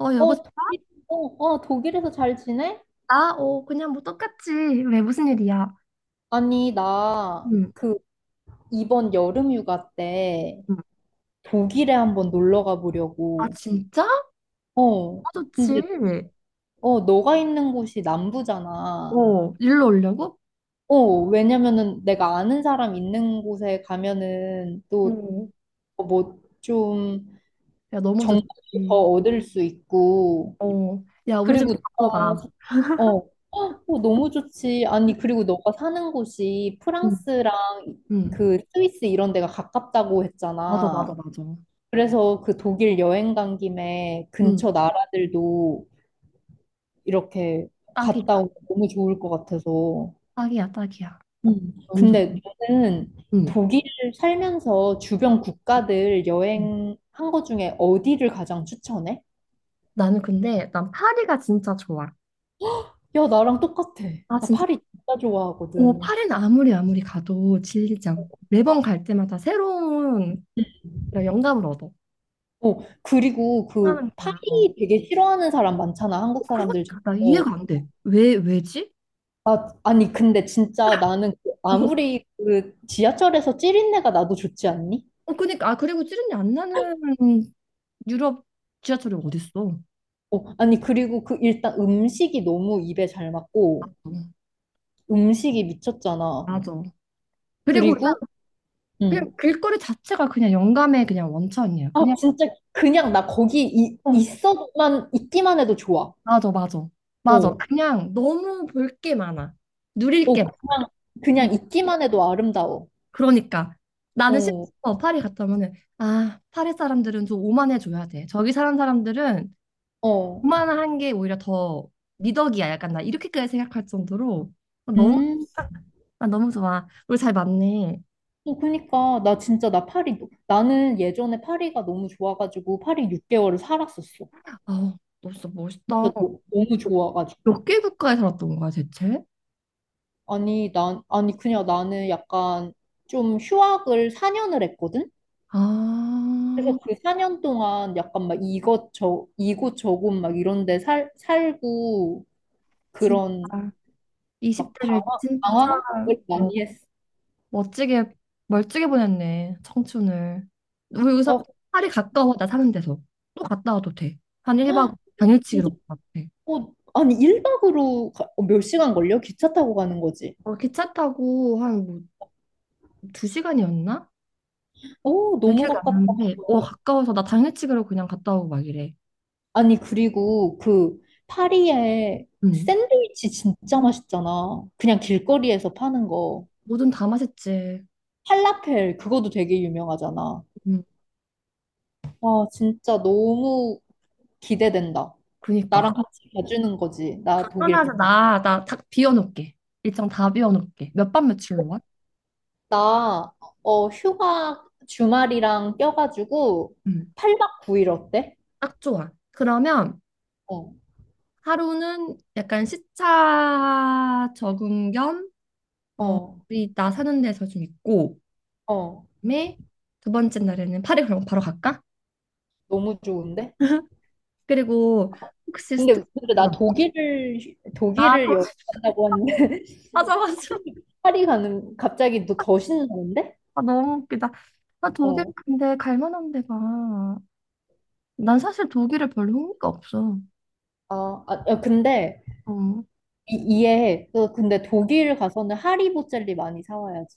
여보세요? 독일에서 잘 지내? 나? 그냥 뭐 똑같지. 왜, 무슨 일이야? 아니, 응, 이번 여름 휴가 때 응. 독일에 한번 놀러 아, 가보려고. 진짜? 아, 어, 좋지. 근데, 너가 있는 곳이 남부잖아. 어, 일로 오려고? 어, 왜냐면은 내가 아는 사람 있는 곳에 가면은 또 어, 뭐 좀 야, 너무 정보도 좋지. 더 얻을 수 있고, 어, 야, 우리 그리고 집에 바꿔 너가 사- 가. 어, 어, 너무 좋지. 아니, 그리고 너가 사는 곳이 응, 프랑스랑 응. 그 스위스 이런 데가 가깝다고 맞아, 맞아, 했잖아. 맞아. 그래서 그 독일 여행 간 김에 응, 근처 나라들도 이렇게 딱이다. 갔다 오면 너무 좋을 것 같아서. 딱이야, 딱이야. 너무 좋지. 근데 너는 응, 독일 살면서 주변 국가들 응. 여행한 거 중에 어디를 가장 추천해? 나는 근데, 난 파리가 진짜 좋아. 야, 나랑 똑같아. 아, 나 진짜? 파리 진짜 좋아하거든. 파리는 아무리 가도 질리지 않고, 매번 갈 때마다 새로운 그런 영감을 얻어. 어, 그리고 그 파이 하는구나. 되게 싫어하는 사람 많잖아, 한국 사람들 중에. 그러니까 나 이해가 안 돼. 왜, 왜지? 아니, 근데 진짜 나는 그 어, 아무리 그 지하철에서 찌린내가 나도 좋지 않니? 그러니까, 아, 그리고 찌른내 안 나는 유럽 지하철이 어딨어. 아니, 그리고 그 일단 음식이 너무 입에 잘 맞고, 음식이 어, 미쳤잖아. 맞아. 그리고 그리고, 그냥 음. 그냥 길거리 자체가 그냥 영감의 그냥 원천이야. 아, 그냥, 진짜 그냥 나 거기 어, 있기만 해도 좋아. 맞아, 맞아. 맞아. 어, 그냥 너무 볼 게 많아. 누릴 게 어, 그냥, 많아. 그냥 있기만 해도 아름다워. 그러니까. 나는 어, 심지어 파리 갔다 오면은, 아, 파리 사람들은 좀 오만해줘야 돼. 저기 사는 사람들은 어. 오만한 게 오히려 더 미덕이야. 약간 나 이렇게까지 생각할 정도로 너무, 음. 아, 너무 좋아. 우리 잘 맞네. 그니까, 나 진짜, 나 파리, 너- 나는 예전에 파리가 너무 좋아가지고, 파리 6개월을 살았었어. 아, 너 진짜 멋있다. 진짜 너, 무 좋아가지고. 몇 개 국가에 살았던 거야, 대체? 아니, 그냥 나는 약간 좀 휴학을 4년을 했거든? 아, 그래서 그 4년 동안 약간 막 이곳 저곳 막 이런 데 살고, 진짜. 그런 막 20대를 방황, 진짜, 방황을 어, 많이 했어. 멋지게, 멀찍이 보냈네, 청춘을. 우리 여기서 아, 파리 가까워, 나 사는 데서. 또 갔다 와도 돼. 한 1박 당일치기로 진짜, 갔다 와도 돼. 아니, 1박으로 몇 시간 걸려? 기차 타고 가는 거지. 기차 타고 한 뭐, 2시간이었나? 오, 잘 너무 기억이 안 가깝다. 나는데, 어, 가까워서 나 당일치기로 그냥 갔다 오고 막 이래. 아니, 그리고 그 파리에 응. 샌드위치 진짜 맛있잖아. 그냥 길거리에서 파는 거. 뭐든 다 맛있지. 팔라펠, 그거도 되게 유명하잖아. 응. 와, 진짜 너무 기대된다. 그니까. 나랑 같이 가주는 거지. 나 독일 당연하지. 가면. 나 딱 비워놓을게. 일정 다 비워놓을게. 몇 밤 며칠로 와? 나, 휴가 주말이랑 껴가지고 응. 8박 9일 어때? 딱 좋아. 그러면 어, 하루는 약간 시차 적응 겸, 어, 어, 우리 나 사는 데서 좀 있고, 어. 그다음에 두 번째 날에는 파리 그럼 바로 갈까? 너무 좋은데? 그리고 혹시 근데 스타벅스나, 나 아, 도- 독일을 여행한다고 하는데 맞아, 맞아. 파리 가는 갑자기 너 더 신나는데? 아, 너무 웃기다. 아, 독일 어. 근데 갈 만한 데가. 난 사실 독일에 별로 흥미가 없어. 아, 아 야, 근데 어. 이해해. 너 근데 독일 가서는 하리보 젤리 많이 사 와야지.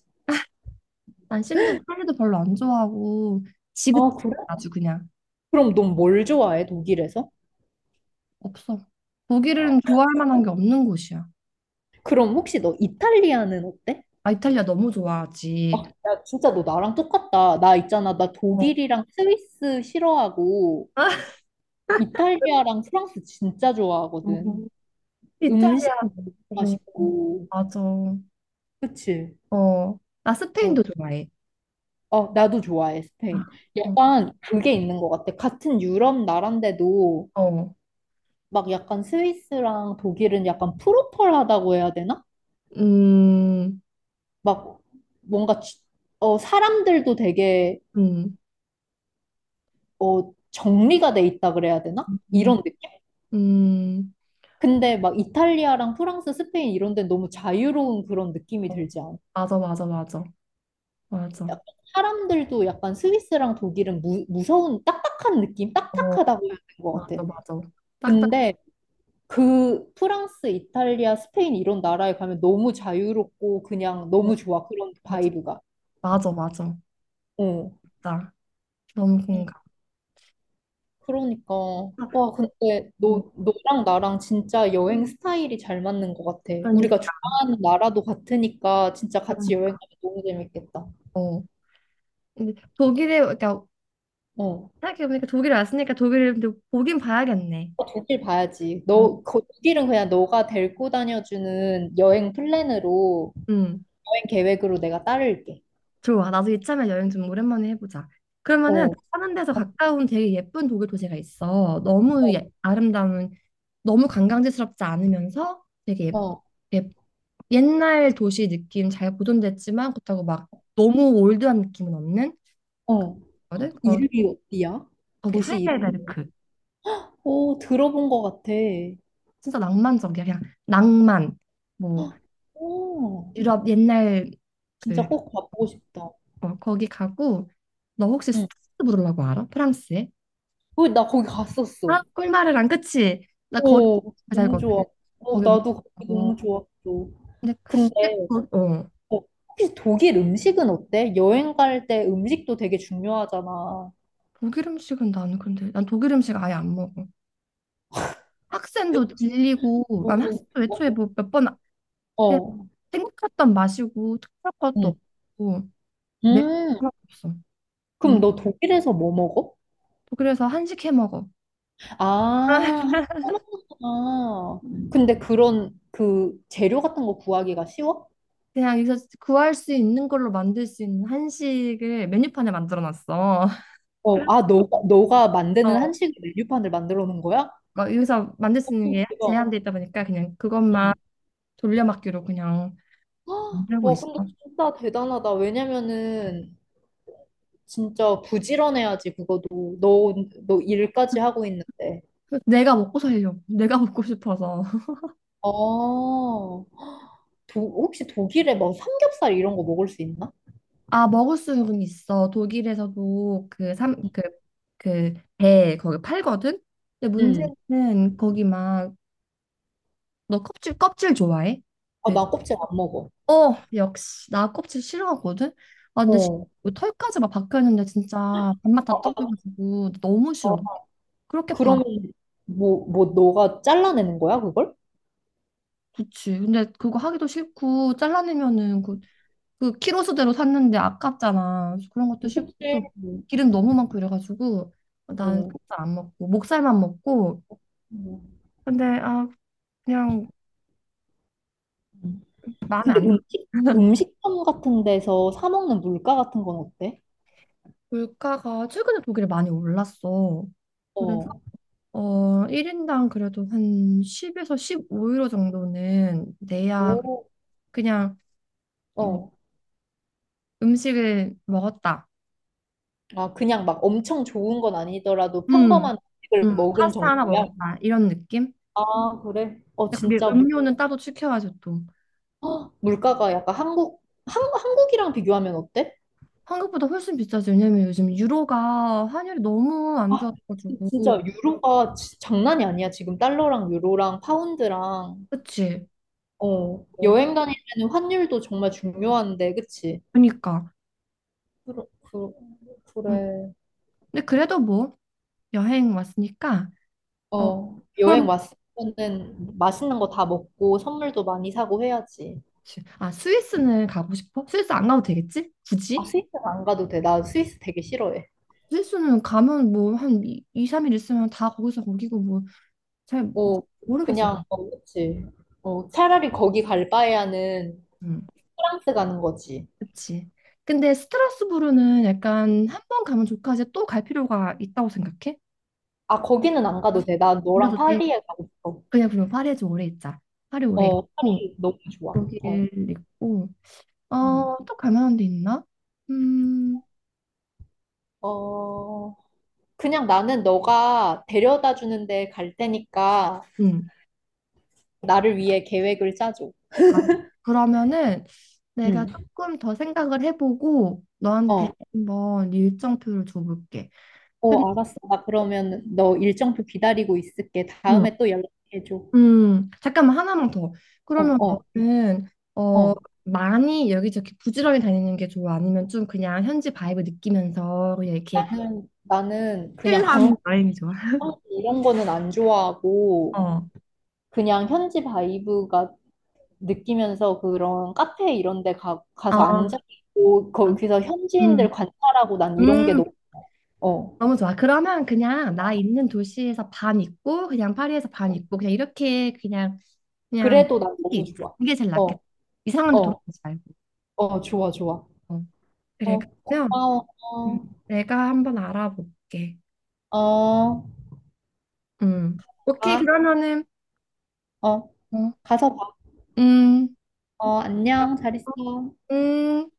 난 심지어 찰리도 별로 안 좋아하고 지긋, 아, 그래? 아주 그냥 그럼 넌 뭘 좋아해, 독일에서? 없어. 어. 독일은 좋아할 만한 게 없는 곳이야. 그럼 혹시 너 이탈리아는 어때? 아, 이탈리아 너무 아, 좋아하지. 야, 진짜 너 나랑 똑같다. 나 있잖아. 나 어. 독일이랑 스위스 싫어하고 이탈리아랑 프랑스 진짜 어, 좋아하거든. 음식 이탈리아. 너무 어, 맛있고. 맞아. 어, 그치? 나 어. 스페인도 좋아해. 어, 나도 좋아해, 아, 스페인. 어, 약간 그게 있는 것 같아. 같은 유럽 나라인데도 어. 막 약간 스위스랑 독일은 약간 프로펄하다고 해야 되나? 음, 막 뭔가 사람들도 되게 음, 정리가 돼 있다 그래야 되나? 음, 이런 느낌? 음. 근데 막 이탈리아랑 프랑스, 스페인 이런 데는 너무 자유로운 그런 느낌이 들지 않아? 맞아, 맞아, 맞아, 맞아. 약간 사람들도 약간 스위스랑 독일은 무서운 딱딱한 느낌? 어, 딱딱하다고 해야 되는 것 맞아, 같아. 맞아. 딱딱. 근데 그 프랑스, 이탈리아, 스페인 이런 나라에 가면 너무 자유롭고 그냥 어, 너무 좋아. 그런 맞아, 바이브가. 맞아, 맞아. 어. 나 너무 음, 공감. 그러니까. 아, 와, 근데 어, 너랑 나랑 진짜 여행 스타일이 잘 맞는 것 같아. 우리가 그러니까. 좋아하는 나라도 같으니까 진짜 같이 여행 가면 너무 재밌겠다. 어. 근데 독일에 그러니까 어. 생각해보니까 독일에 왔으니까 독일을 근데 보긴 봐야겠네. 어, 독일 봐야지. 어, 독일은 그냥 너가 데리고 다녀주는 여행 플랜으로, 음, 여행 계획으로 내가 따를게. 좋아. 나도 이참에 여행 좀 오랜만에 해보자. 그러면은 어. 사는 데서 어, 가까운 되게 예쁜 독일 도시가 있어. 너무 예, 아름다운, 너무 관광지스럽지 않으면서 되게 어, 예, 예- 옛날 도시 느낌 잘 보존됐지만 그렇다고 막 너무 올드한 느낌은 없는 어. 거든. 거, 이름이 어디야? 거기 도시 이름? 하이델베르크. 오, 들어본 것 같아. 진짜 낭만적이야. 그냥 낭만. 뭐 오, 유럽 옛날 진짜 그, 꼭 가보고 싶다. 어, 거기 가고 너 혹시 스 응. 타스 부르려고 알아? 프랑스에? 어, 나 거기 갔었어. 아, 꿀마르랑 그치? 나 거기 오, 너무 살거든. 좋아. 어, 거기 엄청 나도 거기 너무 좋아하고. 좋았어. 근데 근데 근데 거- 어, 어, 혹시 독일 음식은 어때? 여행 갈 때 음식도 되게 중요하잖아. 독일 음식은 나는 근데 난 독일 음식 아예 안 먹어. 학센도 질리고 어, 난 학센도 애초에 뭐 몇 번 그냥 어, 생각했던 맛이고 특별한 것도 응. 없고 매운 거 음, 하나도 없어. 그럼 안- 너 독일에서 뭐 먹어? 독일에서 한식 해 먹어. 아, 한국 먹는구나. 근데 그런 그 재료 같은 거 구하기가 쉬워? 그냥 여기서 구할 수 있는 걸로 만들 수 있는 한식을 메뉴판에 만들어 놨어. 너가 만드는 한식 메뉴판을 만들어 놓은 거야? 막 여기서 만들 수 있는 어떤 게 대박. 제한돼 있다 보니까 그냥 그것만 응. 돌려막기로 그냥 헉, 만들고 와, 있어. 근데 진짜 대단하다. 왜냐면은 진짜 부지런해야지, 그거도. 너 일까지 하고 있는데. 내가 먹고 살려고. 내가 먹고 싶어서. 아, 혹시 독일에 뭐 삼겹살 이런 거 먹을 수 있나? 아, 먹을 수는 있어. 독일에서도 그 삼, 응. 그, 그 배 거기 팔거든? 근데 응. 문제는 거기 막, 너 껍질 좋아해? 아, 돼지? 나 껍질 안 먹어. 어, 역시. 나 껍질 싫어하거든? 아, 근데 시- 어. 털까지 막 박혀있는데 진짜 밥맛 아, 다 아, 떨어져가지고 너무 아, 싫어. 그렇게 팔아. 그러면 뭐, 너가 잘라내는 거야, 그걸? 그치. 근데 그거 하기도 싫고, 잘라내면은 그, 그 키로 수대로 샀는데 아깝잖아. 그래서 그런 것도 싫고, 껍질. 또 응. 기름 너무 많고 이래가지고, 난 응. 살짝 안 먹고, 목살만 먹고, 근데 아, 그냥 응. 마음에 근데 안 들어. 음식점 같은 데서 사 먹는 물가 같은 건 어때? 물가가 최근에 독일에 많이 올랐어. 그래서 어, 어, 1인당 그래도 한 10에서 15유로 정도는 내야 오, 그냥 뭐 어. 음식을 먹었다. 아, 그냥 막 엄청 좋은 건 아니더라도 음, 평범한 음식을 먹은 파스타 하나 정도야? 먹었다. 이런 느낌? 아, 그래? 어, 근데 그게 진짜 음료는 따로 시켜야죠 또. 헉, 물가가 약간 한국이랑 비교하면 어때? 한국보다 훨씬 비싸지. 왜냐면 요즘 유로가 환율이 너무 안 아, 진짜 좋아가지고. 유로가 장난이 아니야. 지금 달러랑 유로랑 파운드랑, 그치? 어, 어, 그- 여행 다닐 때는 환율도 정말 중요한데, 그치? 그러니까. 그러, 그, 음. 그래. 근데 그래도 뭐 여행 왔으니까. 어, 어, 여행 그럼 왔으면은 맛있는 거 다 먹고 선물도 많이 사고 해야지. 그치. 아, 스위스는 가고 싶어? 스위스 안 가도 되겠지? 아, 굳이? 스위스는 안 가도 돼. 나 스위스 되게 싫어해. 스위스는 가면 뭐 한 2, 3일 있으면 다 거기서 거기고 뭐 잘 어, 모르겠어 그냥, 난. 그치. 차라리 거기 갈 바에야는 음, 프랑스 가는 거지. 그치. 근데 스트라스부르는 약간 한 번 가면 좋고 이제 또 갈 필요가 있다고 생각해? 아, 거기는 안 가도 돼. 나 안 너랑 가도 돼. 파리에 가고 싶어. 그냥 그럼 파리에 좀 오래 있자. 파리 오래 어, 있고 파리 너무 좋아. 독일 어, 있고 음. 어, 또 갈만한 데 있나? 음, 어, 그냥 나는 너가 데려다 주는데 갈 테니까 음. 나를 위해 계획을 짜줘. 아, 그러면은 내가 응. 조금 더 생각을 해보고 너한테 어. 한번 일정표를 줘볼게. 근데 어, 알았어. 나 그러면 너 일정표 기다리고 있을게. 음, 다음에 또 연락해줘. 잠깐만 하나만 더. 어, 그러면 어, 너는 어 어. 많이 여기저기 부지런히 다니는 게 좋아? 아니면 좀 그냥 현지 바이브 느끼면서 그냥 이렇게 나는 그냥 힐한 광고 여행이 좋아? 이런 거는 안 좋아하고, 어, 그냥 현지 바이브가 느끼면서 그런 카페 이런 데 가서 어, 앉아있고, 거기서 현지인들 음, 관찰하고 난 이런 게 음. 너무, 어. 너무 좋아. 그러면 그냥 나 있는 도시에서 반 있고 그냥 파리에서 반 어. 있고 그냥 이렇게 그냥 그냥 그래도 난 이게 너무 있자. 좋아. 이게 제일 어, 낫겠다. 이상한 데 어, 돌아가지 말고. 어, 좋아, 좋아. 어. 그래. 어, 그러면 고마워. 음, 내가 한번 알아볼게. 어, 어, 음. 오케이. 가, 그러면은 어, 어. 가서 봐. 음. 어, 안녕. 잘 있어. 음.